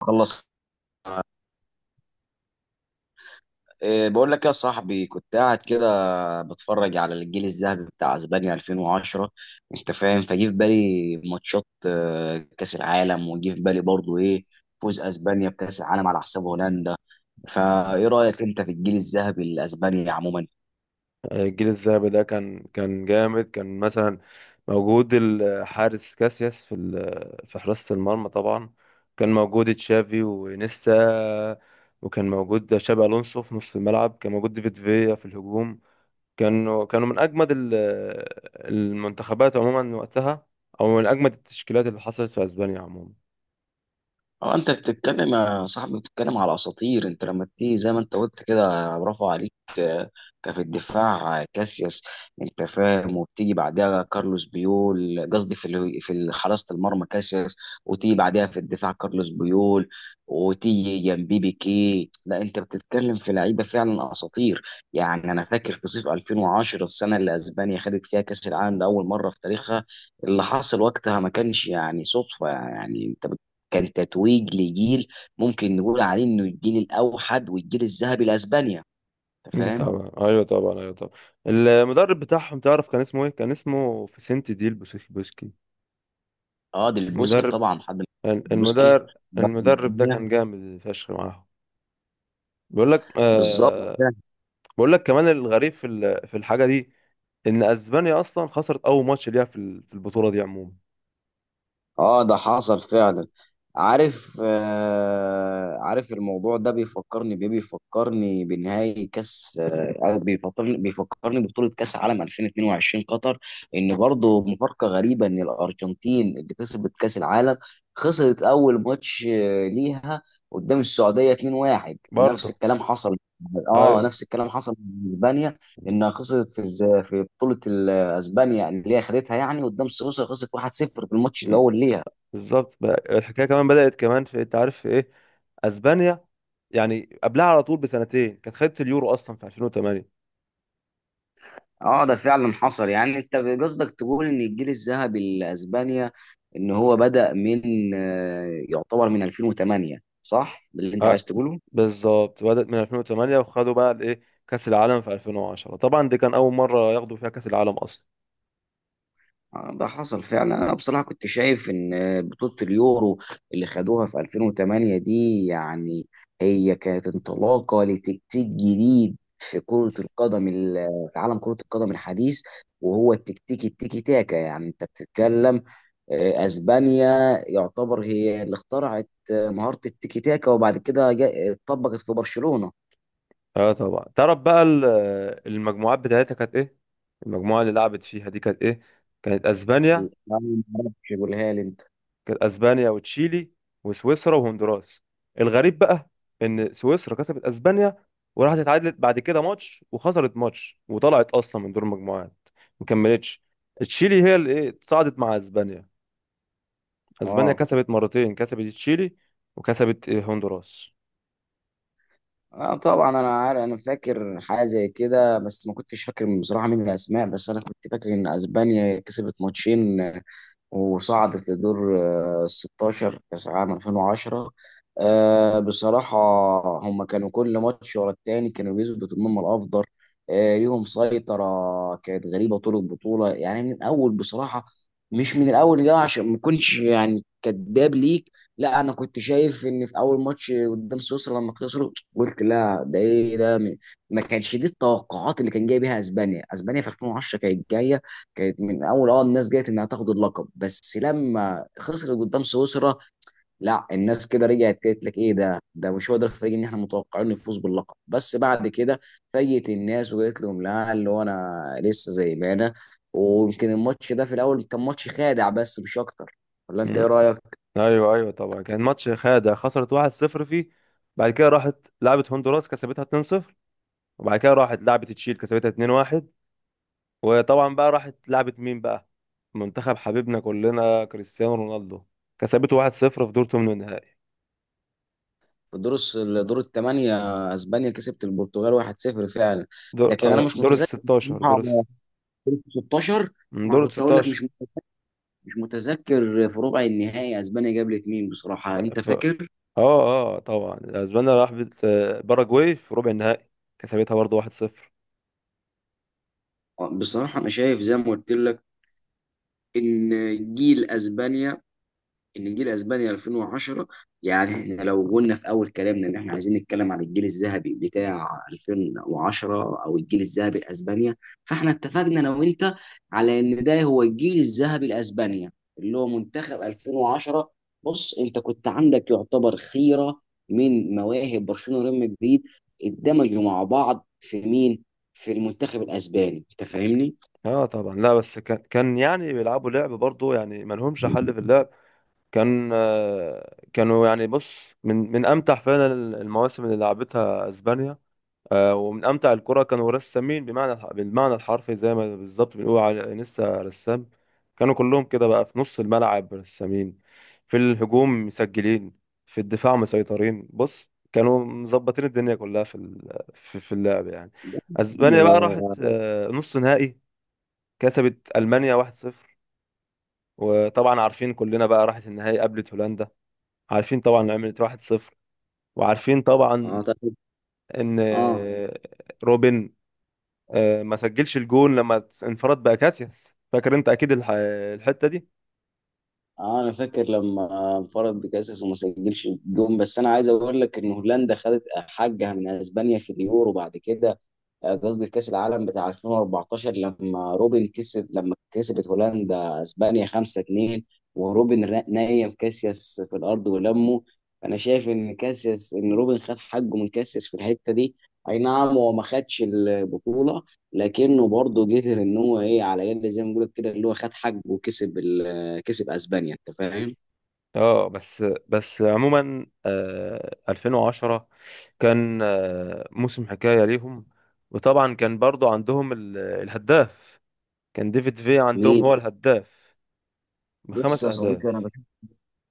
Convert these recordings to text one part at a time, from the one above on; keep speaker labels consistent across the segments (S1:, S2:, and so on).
S1: خلص. إيه، بقول لك يا صاحبي، كنت قاعد كده بتفرج على الجيل الذهبي بتاع اسبانيا 2010. انت فاهم، فجي في بالي ماتشات، كاس العالم، وجي في بالي برضو ايه، فوز اسبانيا بكاس العالم على حساب هولندا. فايه رايك انت في الجيل الذهبي لاسبانيا عموما؟
S2: الجيل الذهبي ده كان جامد، كان مثلا موجود الحارس كاسياس في حراسة المرمى طبعا. كان موجود تشافي وانيستا، وكان موجود شابي الونسو في نص الملعب، كان موجود ديفيد فيا في الهجوم. كانوا من اجمد المنتخبات عموما وقتها، او من اجمد التشكيلات اللي حصلت في اسبانيا عموما.
S1: اه، انت بتتكلم يا صاحبي، بتتكلم على اساطير. انت لما تيجي زي ما انت قلت كده، برافو عليك. آه، كفي الدفاع، كاسياس. انت فاهم، وبتيجي بعدها كارلوس بيول، قصدي حراسة المرمى كاسياس، وتيجي بعدها في الدفاع كارلوس بيول، وتيجي جنبي بيكي. لا، انت بتتكلم في لعيبه فعلا اساطير. يعني انا فاكر في صيف 2010، السنه اللي اسبانيا خدت فيها كاس العالم لاول مره في تاريخها. اللي حصل وقتها ما كانش يعني صدفه، يعني انت، كان تتويج لجيل ممكن نقول عليه انه الجيل الاوحد والجيل الذهبي لاسبانيا. انت
S2: مم،
S1: فاهم.
S2: طبعا، ايوه طبعا، ايوه طبعا. المدرب بتاعهم، تعرف كان اسمه ايه؟ كان اسمه فيسنتي ديل بوسكي.
S1: اه، ديل بوسكي
S2: مدرب
S1: طبعا. حد ما- ديل بوسكي،
S2: المدرب
S1: بطل
S2: المدرب ده
S1: الدنيا.
S2: كان جامد فشخ معاهم. بيقول لك
S1: بالظبط.
S2: آه بيقول لك كمان الغريب في الحاجه دي، ان اسبانيا اصلا خسرت اول ماتش ليها في البطوله دي عموما.
S1: اه، ده حصل فعلا. عارف، آه عارف. الموضوع ده بيفكرني بنهائي كاس، آه، بيفكرني ببطولة كاس عالم 2022 قطر. ان برضه مفارقة غريبة ان الارجنتين اللي كسبت كاس العالم خسرت اول ماتش، ليها، قدام السعودية 2-1. ونفس
S2: برضه.
S1: الكلام حصل، اه
S2: ايوه.
S1: نفس الكلام حصل مع اسبانيا، انها خسرت في بطولة اسبانيا اللي هي خدتها، يعني قدام سويسرا خسرت 1-0 في الماتش اللي
S2: م،
S1: هو ليها.
S2: بالظبط بقى، الحكايه كمان بدات كمان في، انت عارف في ايه، اسبانيا يعني قبلها على طول بسنتين كانت خدت اليورو اصلا في 2008.
S1: اه ده فعلا حصل. يعني انت قصدك تقول ان الجيل الذهبي لاسبانيا، ان هو بدأ من، يعتبر من 2008، صح باللي انت عايز
S2: اه
S1: تقوله.
S2: بالظبط، بدات من 2008، وخدوا بقى الايه، كاس العالم في 2010. طبعا دي كان اول مره ياخدوا فيها كاس العالم اصلا.
S1: ده حصل فعلا. انا بصراحه كنت شايف ان بطوله اليورو اللي خدوها في 2008 دي، يعني هي كانت انطلاقه لتكتيك جديد في كره القدم، في عالم كره القدم الحديث، وهو التكتيك التيكي تاكا. يعني انت بتتكلم، اسبانيا يعتبر هي اللي اخترعت، مهاره التيكي تاكا، وبعد كده اتطبقت في برشلونه.
S2: اه طبعا، تعرف بقى المجموعات بتاعتها كانت ايه؟ المجموعه اللي لعبت فيها دي كانت ايه؟ كانت اسبانيا
S1: لا، ما اعرفش، قولها لي انت.
S2: كانت اسبانيا وتشيلي وسويسرا وهندوراس. الغريب بقى ان سويسرا كسبت اسبانيا، وراحت اتعادلت بعد كده ماتش، وخسرت ماتش، وطلعت اصلا من دور المجموعات، مكملتش. تشيلي هي اللي ايه، تصعدت مع اسبانيا. اسبانيا
S1: اه.
S2: كسبت مرتين، كسبت تشيلي، وكسبت إيه، هندوراس.
S1: اه طبعا انا عارف، انا فاكر حاجه زي كده، بس ما كنتش فاكر بصراحه مين الاسماء، بس انا كنت فاكر ان اسبانيا كسبت ماتشين وصعدت لدور، 16 كأس عام 2010. بصراحة هم كانوا كل ماتش ورا التاني كانوا بيثبتوا إن هم الأفضل. ليهم سيطرة كانت غريبة طول البطولة، يعني من الأول بصراحة. مش من الأول جاي عشان ما كنتش يعني كداب ليك، لا أنا كنت شايف إن في أول ماتش قدام سويسرا لما خسروا قلت لا، ده إيه ده؟ ما كانش دي التوقعات اللي كان جاي بيها أسبانيا. أسبانيا في 2010 كانت جاية، كانت من اول اه الناس جت انها تاخد اللقب، بس لما خسرت قدام سويسرا لا، الناس كده رجعت قالت لك ايه ده؟ ده مش هو ده الفريق اللي احنا متوقعين يفوز باللقب. بس بعد كده فاجئت الناس وقالت لهم لا، اللي هو انا لسه زي ما انا. ويمكن الماتش ده في الاول كان ماتش خادع، بس مش اكتر. ولا انت ايه رايك؟
S2: ايوه ايوه، طبعا كان ماتش خادع، خسرت 1-0 فيه. بعد كده راحت لعبت هندوراس، كسبتها 2-0، وبعد كده راحت لعبت تشيل، كسبتها 2-1. وطبعا بقى راحت لعبت مين بقى؟ منتخب حبيبنا كلنا كريستيانو رونالدو، كسبته 1-0 في دور ثمن النهائي.
S1: دور الثمانيه اسبانيا كسبت البرتغال 1-0 فعلا. لكن انا مش
S2: دور ال
S1: متذكر
S2: 16،
S1: بصراحه، في 16،
S2: من
S1: ما أنا
S2: دور ال
S1: كنت اقول لك،
S2: 16.
S1: مش مش متذكر في ربع النهائي اسبانيا قابلت مين بصراحه، انت
S2: ف... اه
S1: فاكر؟
S2: اه طبعا، اسبانيا راحت باراجواي في ربع النهائي، كسبتها برضه 1-0.
S1: بصراحه انا شايف زي ما قلت لك ان جيل اسبانيا 2010، يعني احنا لو قلنا في اول كلامنا ان احنا عايزين نتكلم عن الجيل الذهبي بتاع 2010 او الجيل الذهبي لاسبانيا، فاحنا اتفقنا انا وانت على ان ده هو الجيل الذهبي لاسبانيا، اللي هو منتخب 2010. بص، انت كنت عندك يعتبر خيره من مواهب برشلونه وريال مدريد اندمجوا مع بعض في مين؟ في المنتخب الاسباني، انت فاهمني؟
S2: اه طبعا، لا بس كان يعني بيلعبوا لعب برضه، يعني ما لهمش حل في اللعب. كانوا يعني، بص، من امتع فعلا المواسم اللي لعبتها اسبانيا. ومن امتع الكرة، كانوا رسامين، بالمعنى الحرفي، زي ما بالظبط بنقول على انيستا رسام. كانوا كلهم كده بقى في نص الملعب رسامين، في الهجوم مسجلين، في الدفاع مسيطرين. بص كانوا مظبطين الدنيا كلها في اللعب يعني. اسبانيا بقى راحت نص نهائي، كسبت المانيا 1-0. وطبعا عارفين كلنا بقى راحت النهائي، قابلت هولندا. عارفين طبعا إن عملت 1-0. وعارفين طبعا
S1: اه طب.
S2: ان
S1: اه.
S2: روبن ما سجلش الجون لما انفرد بأكاسياس، فاكر انت اكيد الحتة دي.
S1: اه انا فاكر لما انفرد بكاسس وما سجلش جون، بس انا عايز اقول لك ان هولندا خدت حقها من اسبانيا في اليورو بعد كده، قصدي في كأس العالم بتاع 2014، لما روبن كسب، لما كسبت هولندا اسبانيا 5-2، وروبن نايم كاسياس في الارض ولمه. فانا شايف ان كاسياس ان روبن خد حقه من كاسياس في الحتة دي. اي نعم هو ما خدش البطولة، لكنه برضه قدر ان هو ايه، على الاقل زي ما بقول لك كده، اللي هو خد حقه وكسب كسب اسبانيا، انت فاهم؟
S2: اه بس عموما، 2010 كان موسم حكاية ليهم. وطبعا كان برضو عندهم الهداف، كان ديفيد في عندهم
S1: مين؟
S2: هو الهداف
S1: بص
S2: بخمس
S1: يا صديقي
S2: اهداف.
S1: انا،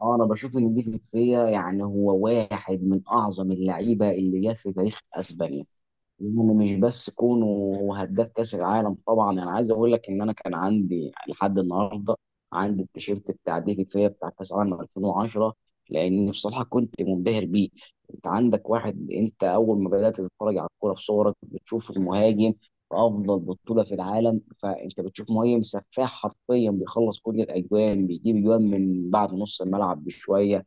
S1: اه انا بشوف ان دي فيا يعني هو واحد من اعظم اللعيبه اللي جت في تاريخ اسبانيا، يعني مش بس كونه هو هداف كاس العالم طبعا. انا عايز اقول لك ان انا كان عندي لحد النهارده عندي التيشيرت بتاع ديفيد فيا بتاع كاس العالم 2010، لان بصراحه كنت منبهر بيه. انت عندك واحد، انت اول ما بدات تتفرج على الكوره في صورك بتشوف المهاجم افضل بطوله في العالم، فانت بتشوف مهاجم سفاح حرفيا بيخلص كل الاجوان، بيجيب اجوان من بعد نص الملعب بشويه.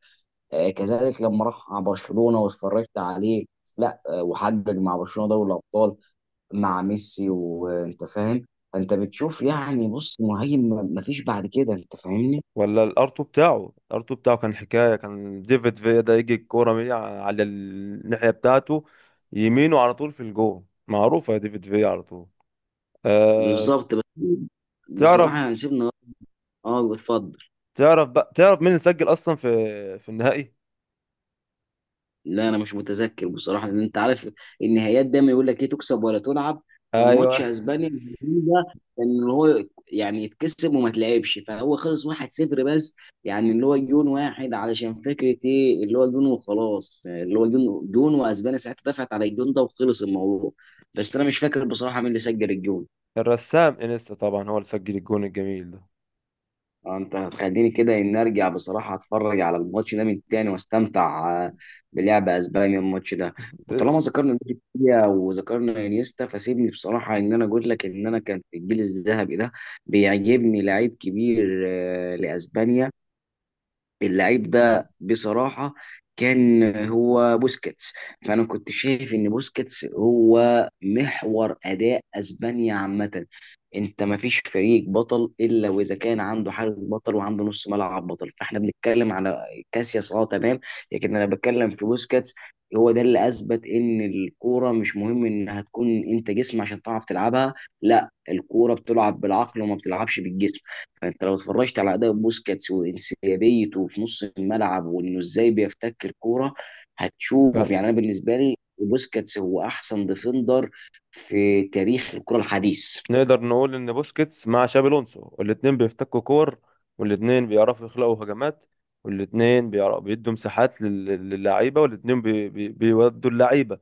S1: آه كذلك لما راح مع برشلونه واتفرجت عليه، لا آه، وحقق مع برشلونه دوري الابطال مع ميسي، وانت فاهم. فانت بتشوف، يعني بص، مهاجم ما فيش بعد كده، انت فاهمني.
S2: ولا الارتو بتاعه كان حكايه. كان ديفيد فيا ده يجي الكوره من على الناحيه بتاعته، يمينه، على طول في الجول، معروفه يا ديفيد فيا على طول. أه.
S1: بالظبط. بس بصراحه
S2: تعرف
S1: يعني سيبنا. اه اتفضل.
S2: تعرف بقى مين اللي سجل اصلا في النهائي؟
S1: لا انا مش متذكر بصراحه، لان انت عارف النهايات دايما يقول لك ايه، تكسب ولا تلعب. فماتش
S2: ايوه،
S1: اسبانيا ده ان هو، يعني يتكسب وما تلعبش، فهو خلص 1-0 بس، يعني اللي هو جون واحد علشان فكره ايه، اللي هو جون وخلاص، اللي هو جون واسبانيا ساعتها دفعت على الجون ده وخلص الموضوع. بس انا مش فاكر بصراحه مين اللي سجل الجون.
S2: الرسام انيستا طبعا هو اللي سجل الجون الجميل ده.
S1: انت هتخليني كده ان ارجع بصراحه اتفرج على الماتش ده من تاني واستمتع، بلعب اسبانيا الماتش ده.
S2: ده
S1: وطالما ذكرنا بيكيا وذكرنا انيستا، فسيبني بصراحه ان انا اقول لك ان انا كان في الجيل الذهبي ده بيعجبني لعيب كبير، لاسبانيا. اللعيب ده بصراحة كان هو بوسكيتس. فأنا كنت شايف إن بوسكيتس هو محور أداء أسبانيا عامة. أنت مفيش فريق بطل إلا وإذا كان عنده حارس بطل وعنده نص ملعب بطل، فإحنا بنتكلم على كاسياس، أه تمام، لكن أنا بتكلم في بوسكيتس. هو ده اللي أثبت إن الكورة مش مهم إنها تكون أنت جسم عشان تعرف تلعبها، لا الكورة بتلعب بالعقل وما بتلعبش بالجسم. انت لو اتفرجت على اداء بوسكاتس وانسيابيته في نص الملعب وانه ازاي بيفتك الكوره، هتشوف،
S2: كان
S1: يعني انا بالنسبه لي بوسكاتس هو احسن ديفندر في تاريخ الكره الحديث.
S2: نقدر نقول ان بوسكيتس مع شابي الونسو، الاتنين بيفتكوا كور، والاتنين بيعرفوا يخلقوا هجمات، والاتنين بيعرفوا بيدوا مساحات للعيبه، والاتنين بيودوا اللعيبه،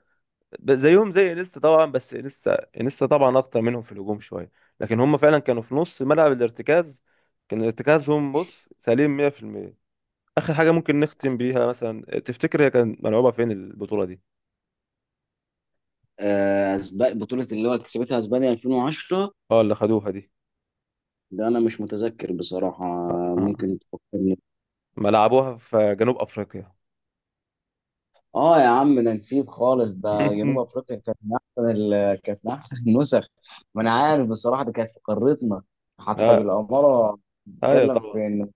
S2: زيهم زي انيستا طبعا. بس انيستا طبعا اخطر منهم في الهجوم شويه. لكن هم فعلا كانوا في نص ملعب الارتكاز، كان ارتكازهم، بص، سليم 100%. اخر حاجه ممكن نختم بيها، مثلا تفتكر هي كانت ملعوبه فين البطوله دي؟
S1: بطوله اللي هو كسبتها اسبانيا 2010،
S2: اه، اللي خدوها دي.
S1: ده انا مش متذكر بصراحه،
S2: آه. آه.
S1: ممكن تفكرني.
S2: ملعبوها في جنوب افريقيا.
S1: اه يا عم، انا نسيت خالص، ده جنوب افريقيا كانت كانت من احسن النسخ. ما انا عارف بصراحه، دي كانت في قارتنا حتى
S2: آه.
S1: بالاماره.
S2: ايوه
S1: بتتكلم في
S2: طبعا.
S1: ان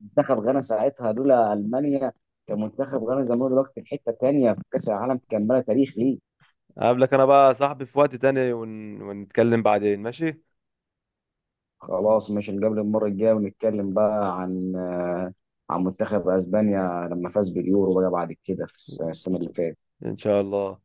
S1: منتخب غانا ساعتها لولا المانيا، كان منتخب غانا زمان دلوقتي في حته تانيه في كاس العالم، كان بلا تاريخ ليه.
S2: هقابلك انا بقى يا صاحبي في وقت تاني، ونتكلم بعدين، ماشي.
S1: خلاص ماشي، نقابل المره الجايه ونتكلم بقى عن، عن منتخب اسبانيا لما فاز باليورو بقى بعد كده السنه اللي فاتت.
S2: ان شاء الله.